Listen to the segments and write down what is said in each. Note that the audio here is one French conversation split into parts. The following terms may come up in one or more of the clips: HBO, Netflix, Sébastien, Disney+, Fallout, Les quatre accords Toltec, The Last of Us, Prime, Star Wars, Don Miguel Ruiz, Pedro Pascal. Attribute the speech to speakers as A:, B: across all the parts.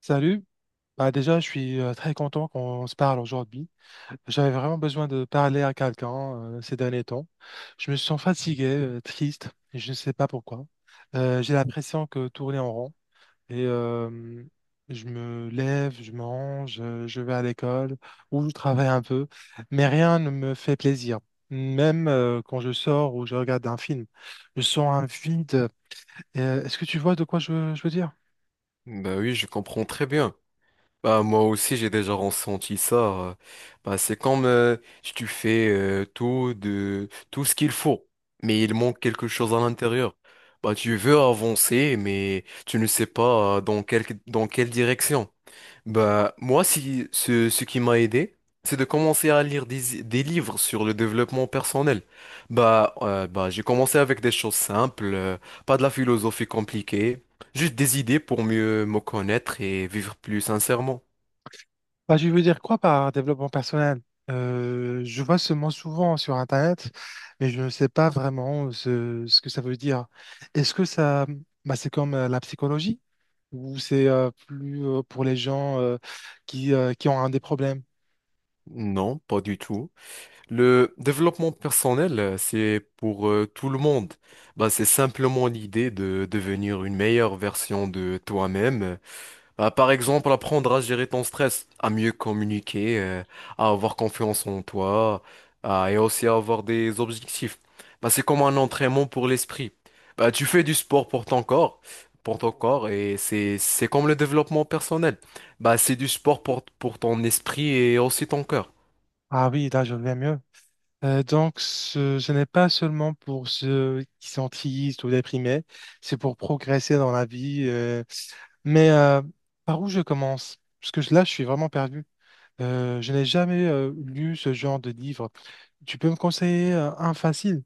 A: Salut. Déjà, je suis très content qu'on se parle aujourd'hui. J'avais vraiment besoin de parler à quelqu'un ces derniers temps. Je me sens fatigué, triste, et je ne sais pas pourquoi. J'ai l'impression que tourner en rond. Et euh, je me lève, je mange, je vais à l'école ou je travaille un peu, mais rien ne me fait plaisir. Même quand je sors ou je regarde un film, je sens un vide. Est-ce que tu vois de quoi je veux dire?
B: Bah oui, je comprends très bien. Bah moi aussi j'ai déjà ressenti ça. Bah c'est comme si tu fais tout ce qu'il faut, mais il manque quelque chose à l'intérieur. Bah tu veux avancer, mais tu ne sais pas dans quelle direction. Bah, moi, si, ce qui m'a aidé, c'est de commencer à lire des livres sur le développement personnel. Bah, j'ai commencé avec des choses simples, pas de la philosophie compliquée, juste des idées pour mieux me connaître et vivre plus sincèrement.
A: Je veux dire quoi par développement personnel? Je vois ce mot souvent sur Internet, mais je ne sais pas vraiment ce que ça veut dire. Est-ce que ça, c'est comme la psychologie ou c'est plus pour les gens qui ont un des problèmes?
B: Non, pas du tout. Le développement personnel, c'est pour tout le monde. Bah, c'est simplement l'idée de devenir une meilleure version de toi-même. Bah, par exemple, apprendre à gérer ton stress, à mieux communiquer, à avoir confiance en toi, et aussi à avoir des objectifs. Bah, c'est comme un entraînement pour l'esprit. Bah, tu fais du sport pour ton corps, et c'est comme le développement personnel. Bah, c'est du sport pour ton esprit et aussi ton cœur.
A: Ah oui, là, je vais mieux. Donc, ce n'est pas seulement pour ceux qui sont tristes ou déprimés, c'est pour progresser dans la vie. Mais par où je commence? Parce que là, je suis vraiment perdu. Je n'ai jamais lu ce genre de livre. Tu peux me conseiller un facile,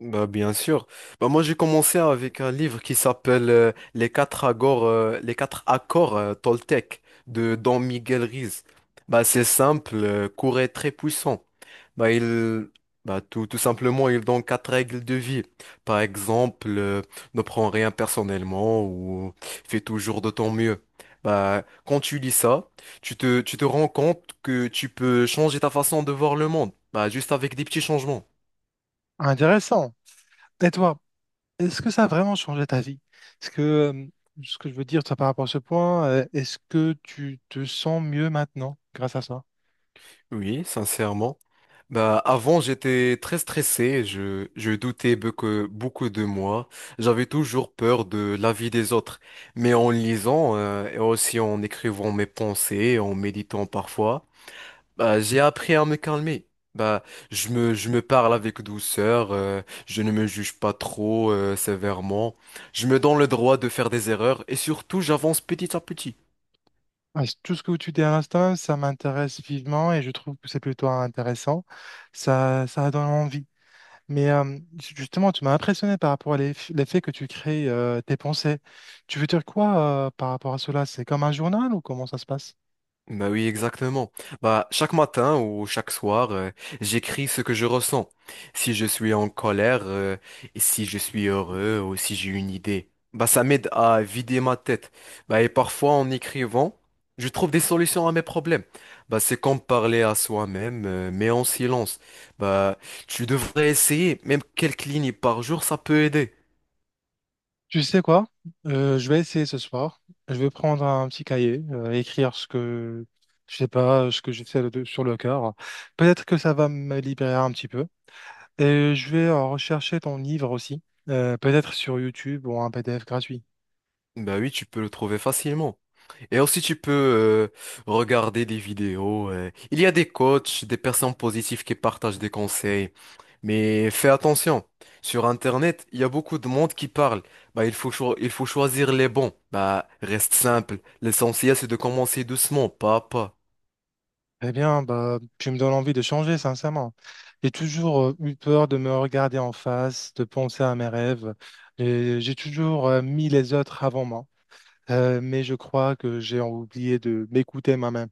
B: Bah, bien sûr. Bah, moi, j'ai commencé avec un livre qui s'appelle Les quatre accords, Toltec de Don Miguel Ruiz. Bah, c'est simple, court et très puissant. Bah, il, bah, tout, tout simplement, il donne quatre règles de vie. Par exemple, ne prends rien personnellement ou fais toujours de ton mieux. Bah, quand tu lis ça, tu te rends compte que tu peux changer ta façon de voir le monde. Bah, juste avec des petits changements.
A: intéressant. Et toi, est-ce que ça a vraiment changé ta vie? Est-ce que ce que je veux dire toi, par rapport à ce point, est-ce que tu te sens mieux maintenant grâce à ça?
B: Oui, sincèrement. Bah, avant, j'étais très stressé, je doutais beaucoup, beaucoup de moi, j'avais toujours peur de l'avis des autres. Mais en lisant, et aussi en écrivant mes pensées, en méditant parfois, bah, j'ai appris à me calmer. Bah, je me parle avec douceur, je ne me juge pas trop, sévèrement, je me donne le droit de faire des erreurs et surtout j'avance petit à petit.
A: Ah, tout ce que tu dis à l'instant, ça m'intéresse vivement et je trouve que c'est plutôt intéressant. Ça donne envie. Mais justement, tu m'as impressionné par rapport à l'effet que tu crées tes pensées. Tu veux dire quoi par rapport à cela? C'est comme un journal ou comment ça se passe?
B: Bah oui, exactement. Bah, chaque matin ou chaque soir, j'écris ce que je ressens. Si je suis en colère, et si je suis heureux ou si j'ai une idée. Bah, ça m'aide à vider ma tête. Bah, et parfois, en écrivant, je trouve des solutions à mes problèmes. Bah, c'est comme parler à soi-même, mais en silence. Bah, tu devrais essayer. Même quelques lignes par jour, ça peut aider.
A: Tu sais quoi? Je vais essayer ce soir. Je vais prendre un petit cahier, écrire ce que je sais pas, ce que j'ai sur le cœur. Peut-être que ça va me libérer un petit peu. Et je vais rechercher ton livre aussi, peut-être sur YouTube ou un PDF gratuit.
B: Bah oui, tu peux le trouver facilement. Et aussi, tu peux regarder des vidéos. Il y a des coachs, des personnes positives qui partagent des conseils. Mais fais attention. Sur Internet, il y a beaucoup de monde qui parle. Bah, il faut choisir les bons. Bah, reste simple. L'essentiel, c'est de commencer doucement, pas à pas.
A: Eh bien, tu me donnes envie de changer, sincèrement. J'ai toujours eu peur de me regarder en face, de penser à mes rêves. Et j'ai toujours mis les autres avant moi. Mais je crois que j'ai oublié de m'écouter moi-même.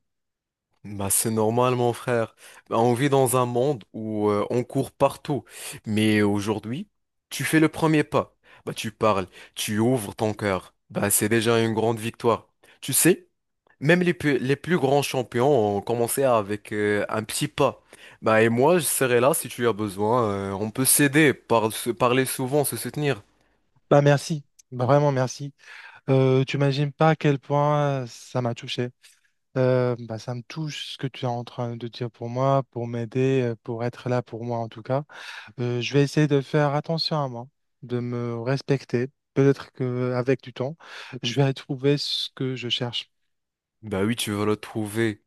B: Bah, c'est normal, mon frère. Bah, on vit dans un monde où on court partout. Mais aujourd'hui, tu fais le premier pas. Bah, tu parles, tu ouvres ton cœur. Bah, c'est déjà une grande victoire. Tu sais? Même les plus grands champions ont commencé avec un petit pas. Bah, et moi, je serai là si tu as besoin. On peut s'aider, se parler souvent, se soutenir.
A: Merci. Vraiment, merci. Tu imagines pas à quel point ça m'a touché. Ça me touche ce que tu es en train de dire pour moi, pour m'aider, pour être là pour moi en tout cas. Je vais essayer de faire attention à moi, de me respecter. Peut-être qu'avec du temps, je vais trouver ce que je cherche.
B: Bah oui, tu vas le trouver.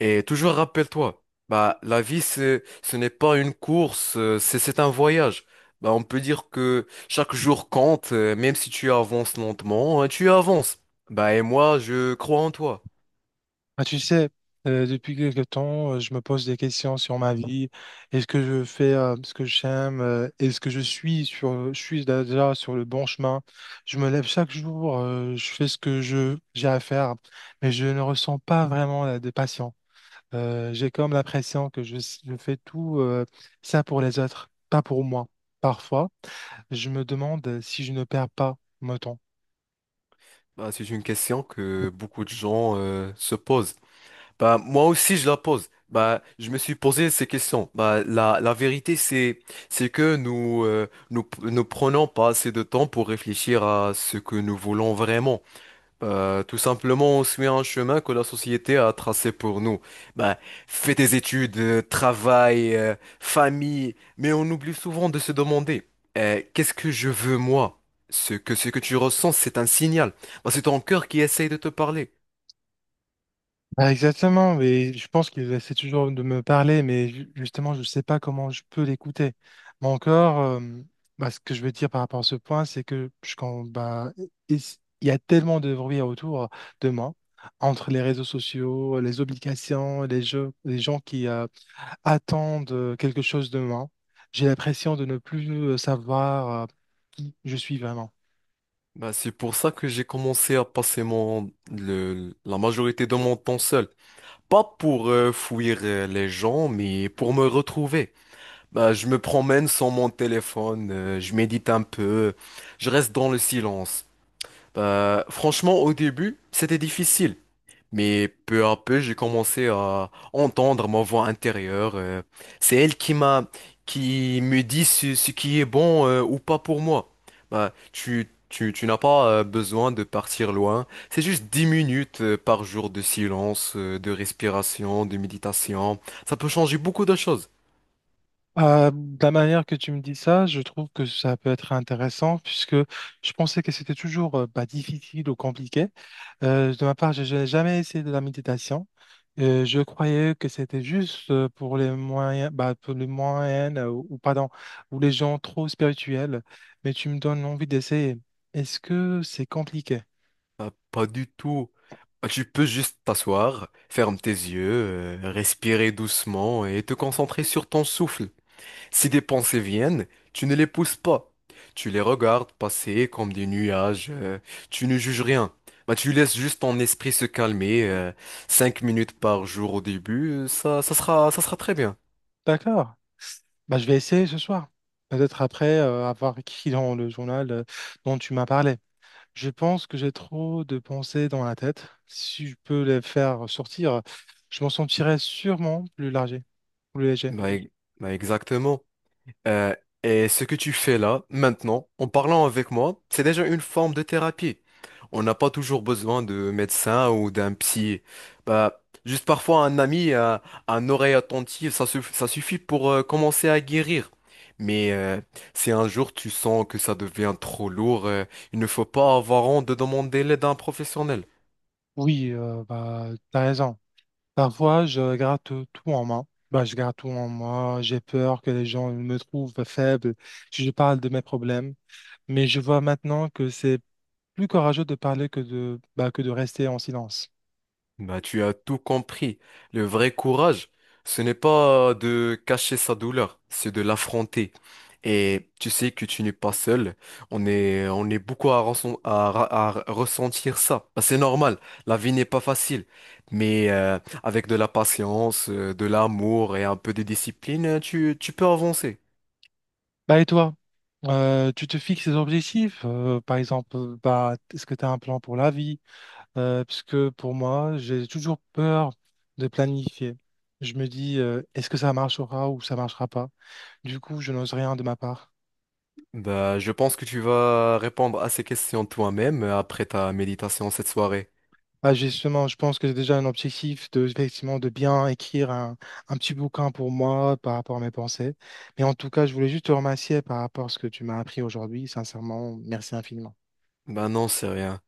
B: Et toujours rappelle-toi, bah la vie, ce n'est pas une course, euh, c'est un voyage. Bah, on peut dire que chaque jour compte, même si tu avances lentement, tu avances. Bah, et moi, je crois en toi.
A: Ah, tu sais, depuis quelque temps, je me pose des questions sur ma vie. Est-ce que je fais ce que j'aime? Est-ce que je suis je suis déjà sur le bon chemin? Je me lève chaque jour, je fais ce que j'ai à faire, mais je ne ressens pas vraiment la de passion. J'ai comme l'impression que je fais tout ça pour les autres, pas pour moi. Parfois, je me demande si je ne perds pas mon temps.
B: Bah, c'est une question que beaucoup de gens se posent. Bah, moi aussi, je la pose. Bah, je me suis posé ces questions. Bah, la vérité, c'est que nous ne prenons pas assez de temps pour réfléchir à ce que nous voulons vraiment. Bah, tout simplement, on suit un chemin que la société a tracé pour nous. Bah, fais des études, travail, famille, mais on oublie souvent de se demander, qu'est-ce que je veux moi? Ce que tu ressens, c'est un signal. Bah, c'est ton cœur qui essaye de te parler.
A: Bah, exactement, mais je pense qu'il essaie toujours de me parler, mais justement, je ne sais pas comment je peux l'écouter. Mais encore, ce que je veux dire par rapport à ce point, c'est que je, quand, il il y a tellement de bruit autour de moi, entre les réseaux sociaux, les obligations, les jeux, les gens qui, attendent quelque chose de moi. J'ai l'impression de ne plus savoir qui je suis vraiment.
B: Bah, c'est pour ça que j'ai commencé à passer la majorité de mon temps seul. Pas pour fuir les gens, mais pour me retrouver. Bah, je me promène sans mon téléphone, je médite un peu, je reste dans le silence. Bah, franchement, au début, c'était difficile. Mais peu à peu, j'ai commencé à entendre ma voix intérieure. C'est elle qui me dit ce qui est bon ou pas pour moi. Bah, tu n'as pas besoin de partir loin. C'est juste 10 minutes par jour de silence, de respiration, de méditation. Ça peut changer beaucoup de choses.
A: De la manière que tu me dis ça, je trouve que ça peut être intéressant puisque je pensais que c'était toujours difficile ou compliqué. De ma part, je n'ai jamais essayé de la méditation. Je croyais que c'était juste pour les moyens, pour les moyennes ou pardon, ou les gens trop spirituels, mais tu me donnes envie d'essayer. Est-ce que c'est compliqué?
B: Bah, pas du tout. Bah, tu peux juste t'asseoir, ferme tes yeux, respirer doucement et te concentrer sur ton souffle. Si des pensées viennent, tu ne les pousses pas. Tu les regardes passer comme des nuages. Tu ne juges rien. Bah, tu laisses juste ton esprit se calmer. 5 minutes par jour au début, euh, ça sera très bien.
A: D'accord. Je vais essayer ce soir. Peut-être après avoir écrit dans le journal dont tu m'as parlé. Je pense que j'ai trop de pensées dans la tête. Si je peux les faire sortir, je m'en sentirais sûrement plus largé, plus léger.
B: Bah, e- Bah, exactement. Euh, et ce que tu fais là, maintenant, en parlant avec moi, c'est déjà une forme de thérapie. On n'a pas toujours besoin de médecin ou d'un psy. Bah, juste parfois un ami, un oreille attentive, ça suffit pour commencer à guérir. Mais si un jour tu sens que ça devient trop lourd, il ne faut pas avoir honte de demander l'aide à un professionnel.
A: Oui, t'as raison. Parfois, je garde tout en main. Je garde tout en moi. J'ai peur que les gens me trouvent faible si je parle de mes problèmes. Mais je vois maintenant que c'est plus courageux de parler que de, que de rester en silence.
B: Bah, tu as tout compris. Le vrai courage, ce n'est pas de cacher sa douleur, c'est de l'affronter. Et tu sais que tu n'es pas seul. On est beaucoup à, à ressentir ça. Bah, c'est normal. La vie n'est pas facile. Mais avec de la patience, de l'amour et un peu de discipline, euh, tu peux avancer.
A: Bah et toi, tu te fixes des objectifs, par exemple, est-ce que tu as un plan pour la vie? Parce que pour moi, j'ai toujours peur de planifier. Je me dis, est-ce que ça marchera ou ça marchera pas? Du coup, je n'ose rien de ma part.
B: Bah, je pense que tu vas répondre à ces questions toi-même après ta méditation cette soirée.
A: Justement, je pense que j'ai déjà un objectif de, effectivement, de bien écrire un petit bouquin pour moi par rapport à mes pensées. Mais en tout cas, je voulais juste te remercier par rapport à ce que tu m'as appris aujourd'hui. Sincèrement, merci infiniment.
B: Bah non, c'est rien.